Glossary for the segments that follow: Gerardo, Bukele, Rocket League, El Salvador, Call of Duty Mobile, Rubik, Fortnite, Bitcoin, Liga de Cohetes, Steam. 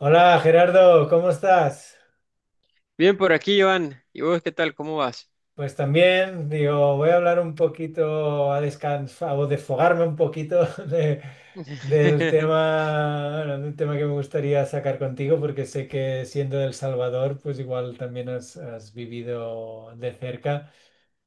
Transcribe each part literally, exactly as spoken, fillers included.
Hola Gerardo, ¿cómo estás? Bien por aquí, Joan. ¿Y vos qué tal? ¿Cómo vas? Pues también, digo, voy a hablar un poquito, a descansar o desfogarme un poquito de- del tema, bueno, de un tema que me gustaría sacar contigo, porque sé que siendo de El Salvador, pues igual también has, has vivido de cerca.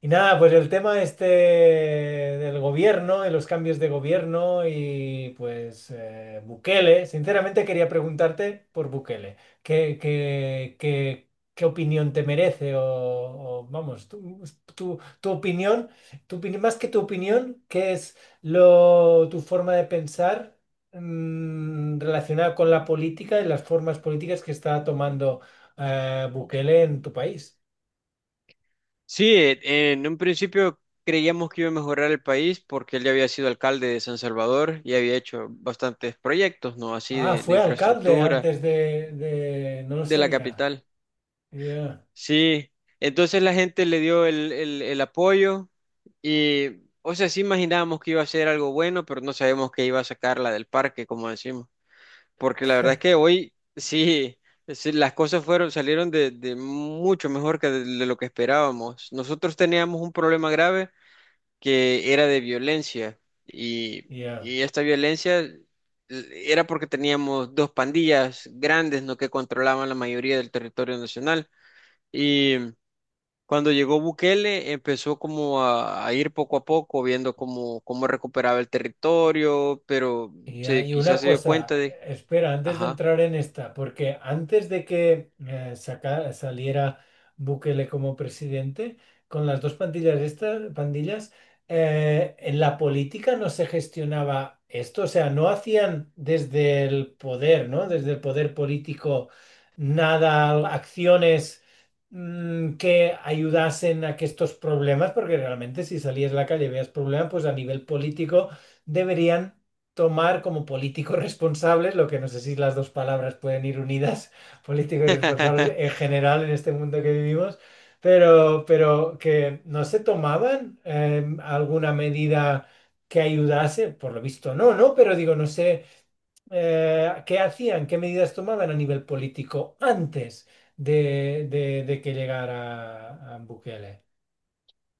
Y nada, pues el tema este del gobierno, de los cambios de gobierno y pues eh, Bukele, sinceramente quería preguntarte por Bukele, ¿qué, qué, qué, qué opinión te merece? O, o, vamos, tu, tu, tu opinión, tu opini- más que tu opinión, ¿qué es lo, tu forma de pensar mm, relacionada con la política y las formas políticas que está tomando eh, Bukele en tu país? Sí, eh, en un principio creíamos que iba a mejorar el país porque él ya había sido alcalde de San Salvador y había hecho bastantes proyectos, ¿no? Así Ah, de, de fue alcalde infraestructura antes de, de- no lo de la sabía. capital. Ya, Sí, entonces la gente le dio el, el, el apoyo y, o sea, sí imaginábamos que iba a ser algo bueno, pero no sabemos que iba a sacarla del parque, como decimos. Porque la verdad es que hoy sí, sí, las cosas fueron, salieron de, de mucho mejor que de, de lo que esperábamos. Nosotros teníamos un problema grave que era de violencia y, ya. y esta violencia l- era porque teníamos dos pandillas grandes, ¿no?, que controlaban la mayoría del territorio nacional y cuando llegó Bukele, empezó como a, a ir poco a poco, viendo cómo, cómo recuperaba el territorio, pero Y se, hay una quizás se dio cuenta cosa, de... espera, antes de Ajá. entrar en esta, porque antes de que eh, saca- saliera Bukele como presidente, con las dos pandillas estas, pandillas, eh, en la política no se gestionaba esto, o sea, no hacían desde el poder, ¿no? Desde el poder político nada, acciones, mm, que ayudasen a que estos problemas, porque realmente si salías a la calle y veías problemas, pues a nivel político deberían tomar como políticos responsables, lo que no sé si las dos palabras pueden ir unidas, políticos y responsables en general en este mundo que vivimos, pero, pero que no se tomaban eh, alguna medida que ayudase, por lo visto no, ¿no? Pero digo, no sé eh, qué hacían, qué medidas tomaban a nivel político antes de, de- de que llegara a, a Bukele.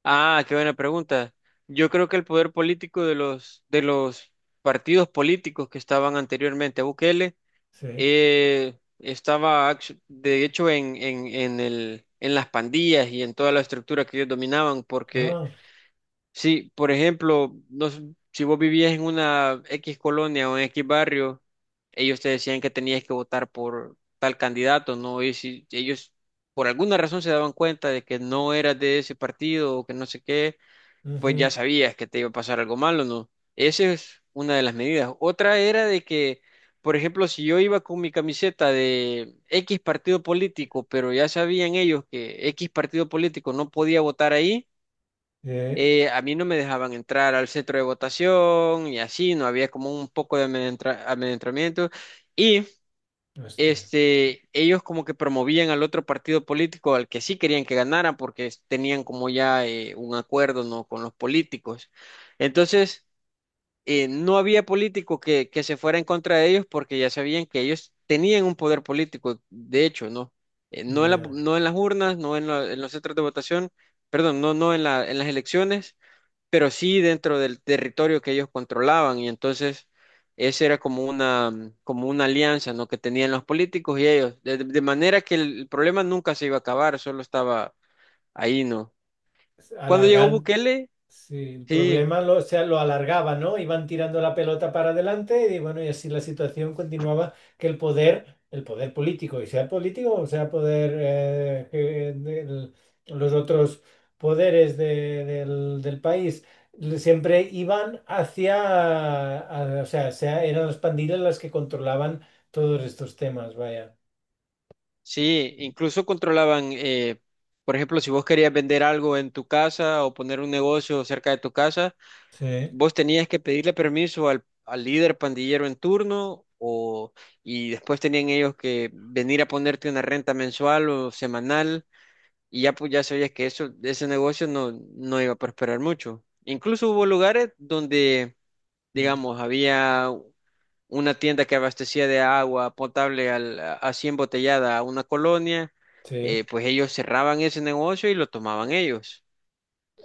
Ah, qué buena pregunta. Yo creo que el poder político de los, de los partidos políticos que estaban anteriormente a Bukele Sí. eh, estaba, actu- de hecho, en, en, en el, en las pandillas y en toda la estructura que ellos dominaban, porque Ah, si, por ejemplo, no, s- si vos vivías en una X colonia o en X barrio, ellos te decían que tenías que votar por tal candidato, ¿no? Y si ellos por alguna razón se daban cuenta de que no eras de ese partido o que no sé qué, pues ya ujú. sabías que te iba a pasar algo malo, ¿no? Esa es una de las medidas. Otra era de que, por ejemplo, si yo iba con mi camiseta de X partido político, pero ya sabían ellos que X partido político no podía votar ahí, Eh, eh, a mí no me dejaban entrar al centro de votación y así, no había como un poco de amedrentra- amedrentamiento. Y hostia. este, ellos como que promovían al otro partido político al que sí querían que ganara porque es- tenían como ya eh, un acuerdo, ¿no?, con los políticos. Entonces, eh, no había político que, que se fuera en contra de ellos porque ya sabían que ellos tenían un poder político, de hecho, ¿no? Eh, no Y en la- eh, No en las urnas, no en, la- en los centros de votación, perdón, no, no en la- en las elecciones, pero sí dentro del territorio que ellos controlaban, y entonces esa era como una, mm, como una alianza, ¿no?, que tenían los políticos y ellos, de, de manera que el problema nunca se iba a acabar, solo estaba ahí, ¿no? Cuando llegó alargando. Bukele, Sí, el sí, problema lo, o sea, lo alargaba, ¿no? Iban tirando la pelota para adelante y bueno, y así la situación continuaba que el poder, el poder político, y sea político o sea poder, eh, que del- los otros poderes de- del, del país, le- siempre iban hacia, a- o sea, sea- eran las pandillas las que controlaban todos estos temas, vaya. sí, incluso controlaban, eh, por ejemplo, si vos querías vender algo en tu casa o poner un negocio cerca de tu casa, Sí. vos tenías que pedirle permiso al, al líder pandillero en turno o, y después tenían ellos que venir a ponerte una renta mensual o semanal, y ya, pues ya sabías que eso, ese negocio no, no iba a prosperar mucho. Incluso hubo lugares donde, Mm. digamos, había una tienda que abastecía de agua potable al, así embotellada a una colonia, Sí. eh, pues ellos cerraban ese negocio y lo tomaban ellos.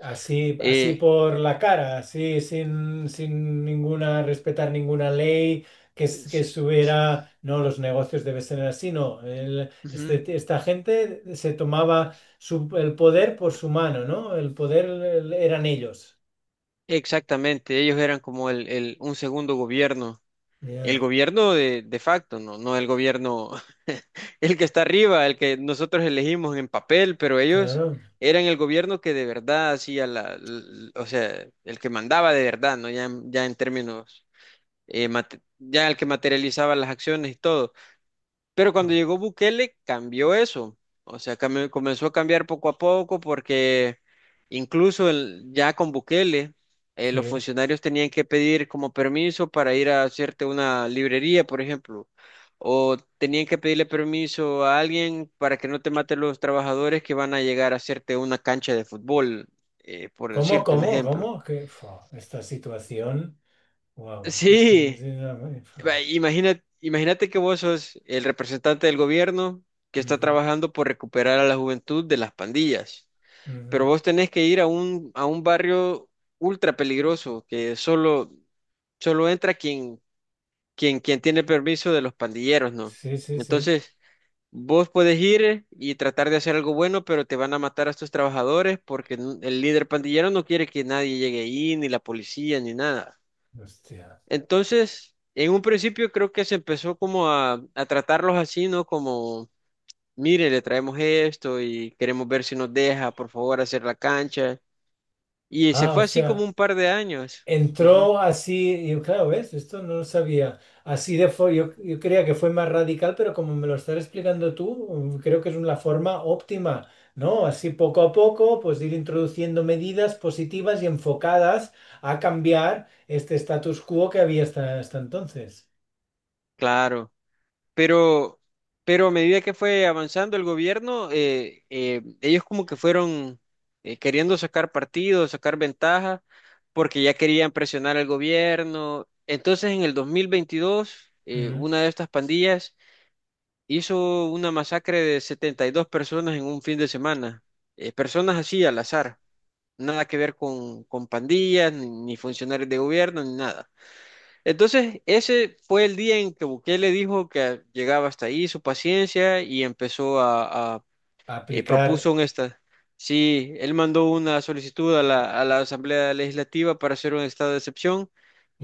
Así, así Eh, por la cara, así sin, sin ninguna, respetar ninguna ley que, s- que sí, es- subiera, no, los negocios deben ser así, no. El- este- esta gente se tomaba su- el poder por su mano, ¿no? El poder el- eran ellos. Exactamente, ellos eran como el, el- un segundo gobierno, el Ya, gobierno de, de facto, no, no el gobierno, el que está arriba, el que nosotros elegimos en papel, pero ellos claro. eran el gobierno que de verdad hacía la, l- o sea, el que mandaba de verdad, ¿no? Ya, en- ya en términos, eh, mate- ya el que materializaba las acciones y todo. Pero cuando llegó Bukele, cambió eso. O sea, cambió- comenzó a cambiar poco a poco porque incluso el- ya con Bukele, eh, los Sí. funcionarios tenían que pedir como permiso para ir a hacerte una librería, por ejemplo, o tenían que pedirle permiso a alguien para que no te maten los trabajadores que van a llegar a hacerte una cancha de fútbol, eh, por ¿Cómo, decirte un cómo, cómo? ejemplo. Que, fua, esta situación, wow, es que es Sí, una fua. va, Imagina, imagínate que vos sos el representante del gobierno que está Ujú, trabajando por recuperar a la juventud de las pandillas, pero ujú. vos tenés que ir a un, a un barrio ultra peligroso que solo, solo entra quien, quien, quien tiene permiso de los pandilleros, ¿no? Sí, sí, sí. Entonces, vos podés ir y tratar de hacer algo bueno, pero te van a matar a estos trabajadores porque n- el líder pandillero no quiere que nadie llegue ahí, ni la policía, ni nada. Hostia. Entonces, en un principio creo que se empezó como a, a tratarlos así, ¿no? Como, mire, le traemos esto y queremos ver si nos deja, por favor, hacer la cancha. Y se Ah, o fue así como sea. un par de años. Ujú, Entró así, y yo, claro, ¿ves? Esto no lo sabía. Así de fue, yo, yo creía que fue más radical, pero como me lo estás explicando tú, mm, creo que es una forma óptima, ¿no? Así poco a poco, pues ir introduciendo medidas positivas y enfocadas a cambiar este status quo que había hasta, hasta entonces. claro. Pero, pero a medida que fue avanzando el gobierno, eh, eh, ellos como que fueron eh, queriendo sacar partido, sacar ventaja, porque ya querían presionar al gobierno. Entonces, en el dos mil veintidós, eh, Ujú. una de estas pandillas hizo una masacre de setenta y dos personas en un fin de semana. Eh, personas así al azar, nada que ver con, con pandillas, ni, ni funcionarios de gobierno, ni nada. Entonces, ese fue el día en que Bukele dijo que llegaba hasta ahí su paciencia y empezó a, eh, Aplicar, propuso un esta. Sí, él mandó una solicitud a la, a la Asamblea Legislativa para hacer un estado de excepción,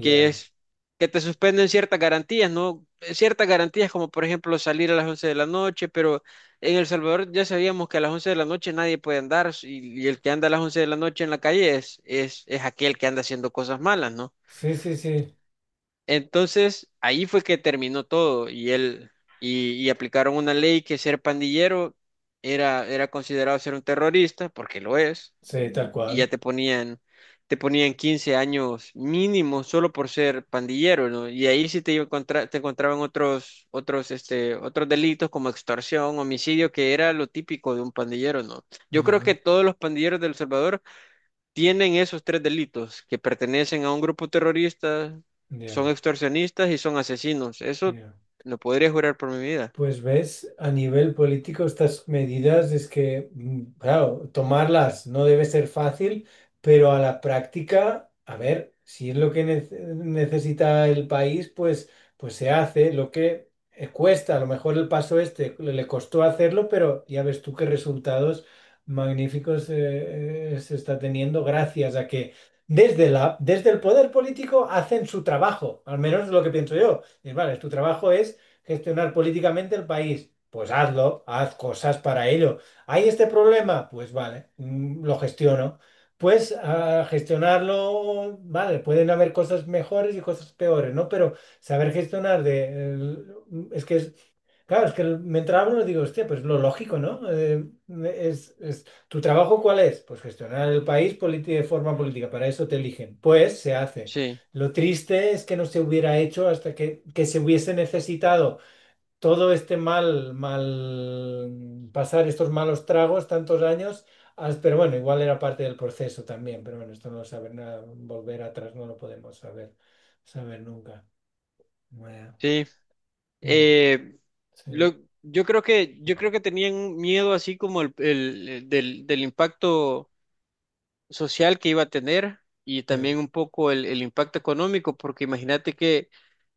que es que te suspenden ciertas garantías, ¿no? Ciertas garantías como por ejemplo salir a las once de la noche, pero en El Salvador ya sabíamos que a las once de la noche nadie puede andar, y, y el que anda a las once de la noche en la calle es, es, es aquel que anda haciendo cosas malas, ¿no? Sí, sí, sí, Entonces, ahí fue que terminó todo y él y, y aplicaron una ley que ser pandillero era, era considerado ser un terrorista, porque lo es, sí, tal y ya cual. te ponían, te ponían quince años mínimo solo por ser pandillero, ¿no? Y ahí sí te iba a encontrar- te encontraban otros, otros, este, otros delitos como extorsión, homicidio, que era lo típico de un pandillero, ¿no? Yo creo que Ujú. todos los pandilleros de El Salvador tienen esos tres delitos, que pertenecen a un grupo terrorista, Ya, son extorsionistas y son asesinos. Eso ya. lo podría jurar por mi vida. Pues ves, a nivel político estas medidas es que, mm, claro, tomarlas no debe ser fácil, pero a la práctica, a ver, si es lo que nece- necesita el país, pues, pues se hace lo que eh, cuesta. A lo mejor el paso este le le costó hacerlo, pero ya ves tú qué resultados magníficos, eh, eh, se está teniendo gracias a que desde la, desde el poder político hacen su trabajo, al menos es lo que pienso yo. Y, vale, tu trabajo es gestionar políticamente el país. Pues hazlo, haz cosas para ello. ¿Hay este problema? Pues vale, mm, lo gestiono. Pues a gestionarlo, vale, pueden haber cosas mejores y cosas peores, ¿no? Pero saber gestionar de... el- es que es... Claro, es que el- mientras hablo digo, hostia, pues lo lógico, ¿no? Eh, es, es- ¿tu trabajo cuál es? Pues gestionar el país, politi- de forma política, para eso te eligen. Pues se hace. Sí, Lo triste es que no se hubiera hecho hasta que, que se hubiese necesitado todo este mal, mal, pasar estos malos tragos tantos años, as- pero bueno, igual era parte del proceso también, pero bueno, esto no lo saber nada, volver atrás no lo podemos saber, saber nunca. Bueno, sí. eh, Eh, lo- sí, yo creo que, yo creo que tenían un miedo así como el, el- el del, del impacto social que iba a tener, y eh, también un poco el, el impacto económico, porque imagínate que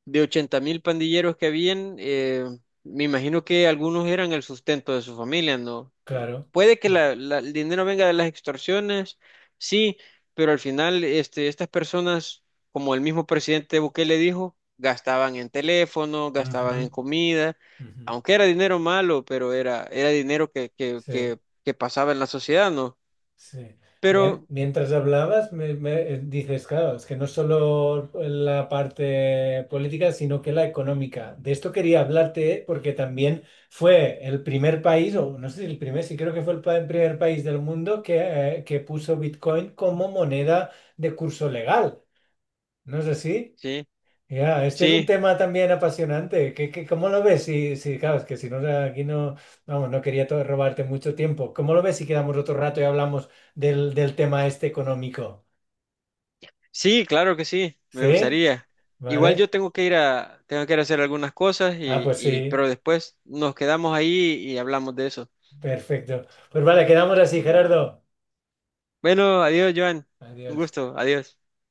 de ochenta mil pandilleros que habían, eh, me imagino que algunos eran el sustento de su familia, ¿no? Eh, claro. puede que Mm. la- la- el dinero venga de las extorsiones, sí, pero al final este, estas personas, como el mismo presidente Bukele dijo, gastaban en teléfono, gastaban Ujú, en comida, ujú. aunque era dinero malo, pero era, era dinero que, que, Sí. que, que pasaba en la sociedad, ¿no? Sí. Me- Pero mientras hablabas, me, me- eh, dices, claro, es que no solo la parte política, sino que la económica. De esto quería hablarte porque también fue el primer país, o no sé si el primer, sí creo que fue el pa- primer país del mundo que, eh, que puso Bitcoin como moneda de curso legal. ¿No es así? sí, Ya, este es un sí. tema también apasionante. ¿Qué, qué- cómo lo ves? Si, si, claro, es que si no, aquí no, vamos, no quería to- robarte mucho tiempo. ¿Cómo lo ves si quedamos otro rato y hablamos del, del tema este económico? Sí, claro que sí, me ¿Sí? gustaría. Igual yo ¿Vale? tengo que ir a, tengo que ir a hacer algunas cosas Ah, y, pues y, sí, pero después nos quedamos ahí y hablamos de eso. perfecto. Pues vale, quedamos así, Gerardo. Bueno, adiós, Joan. Un Adiós. gusto, adiós.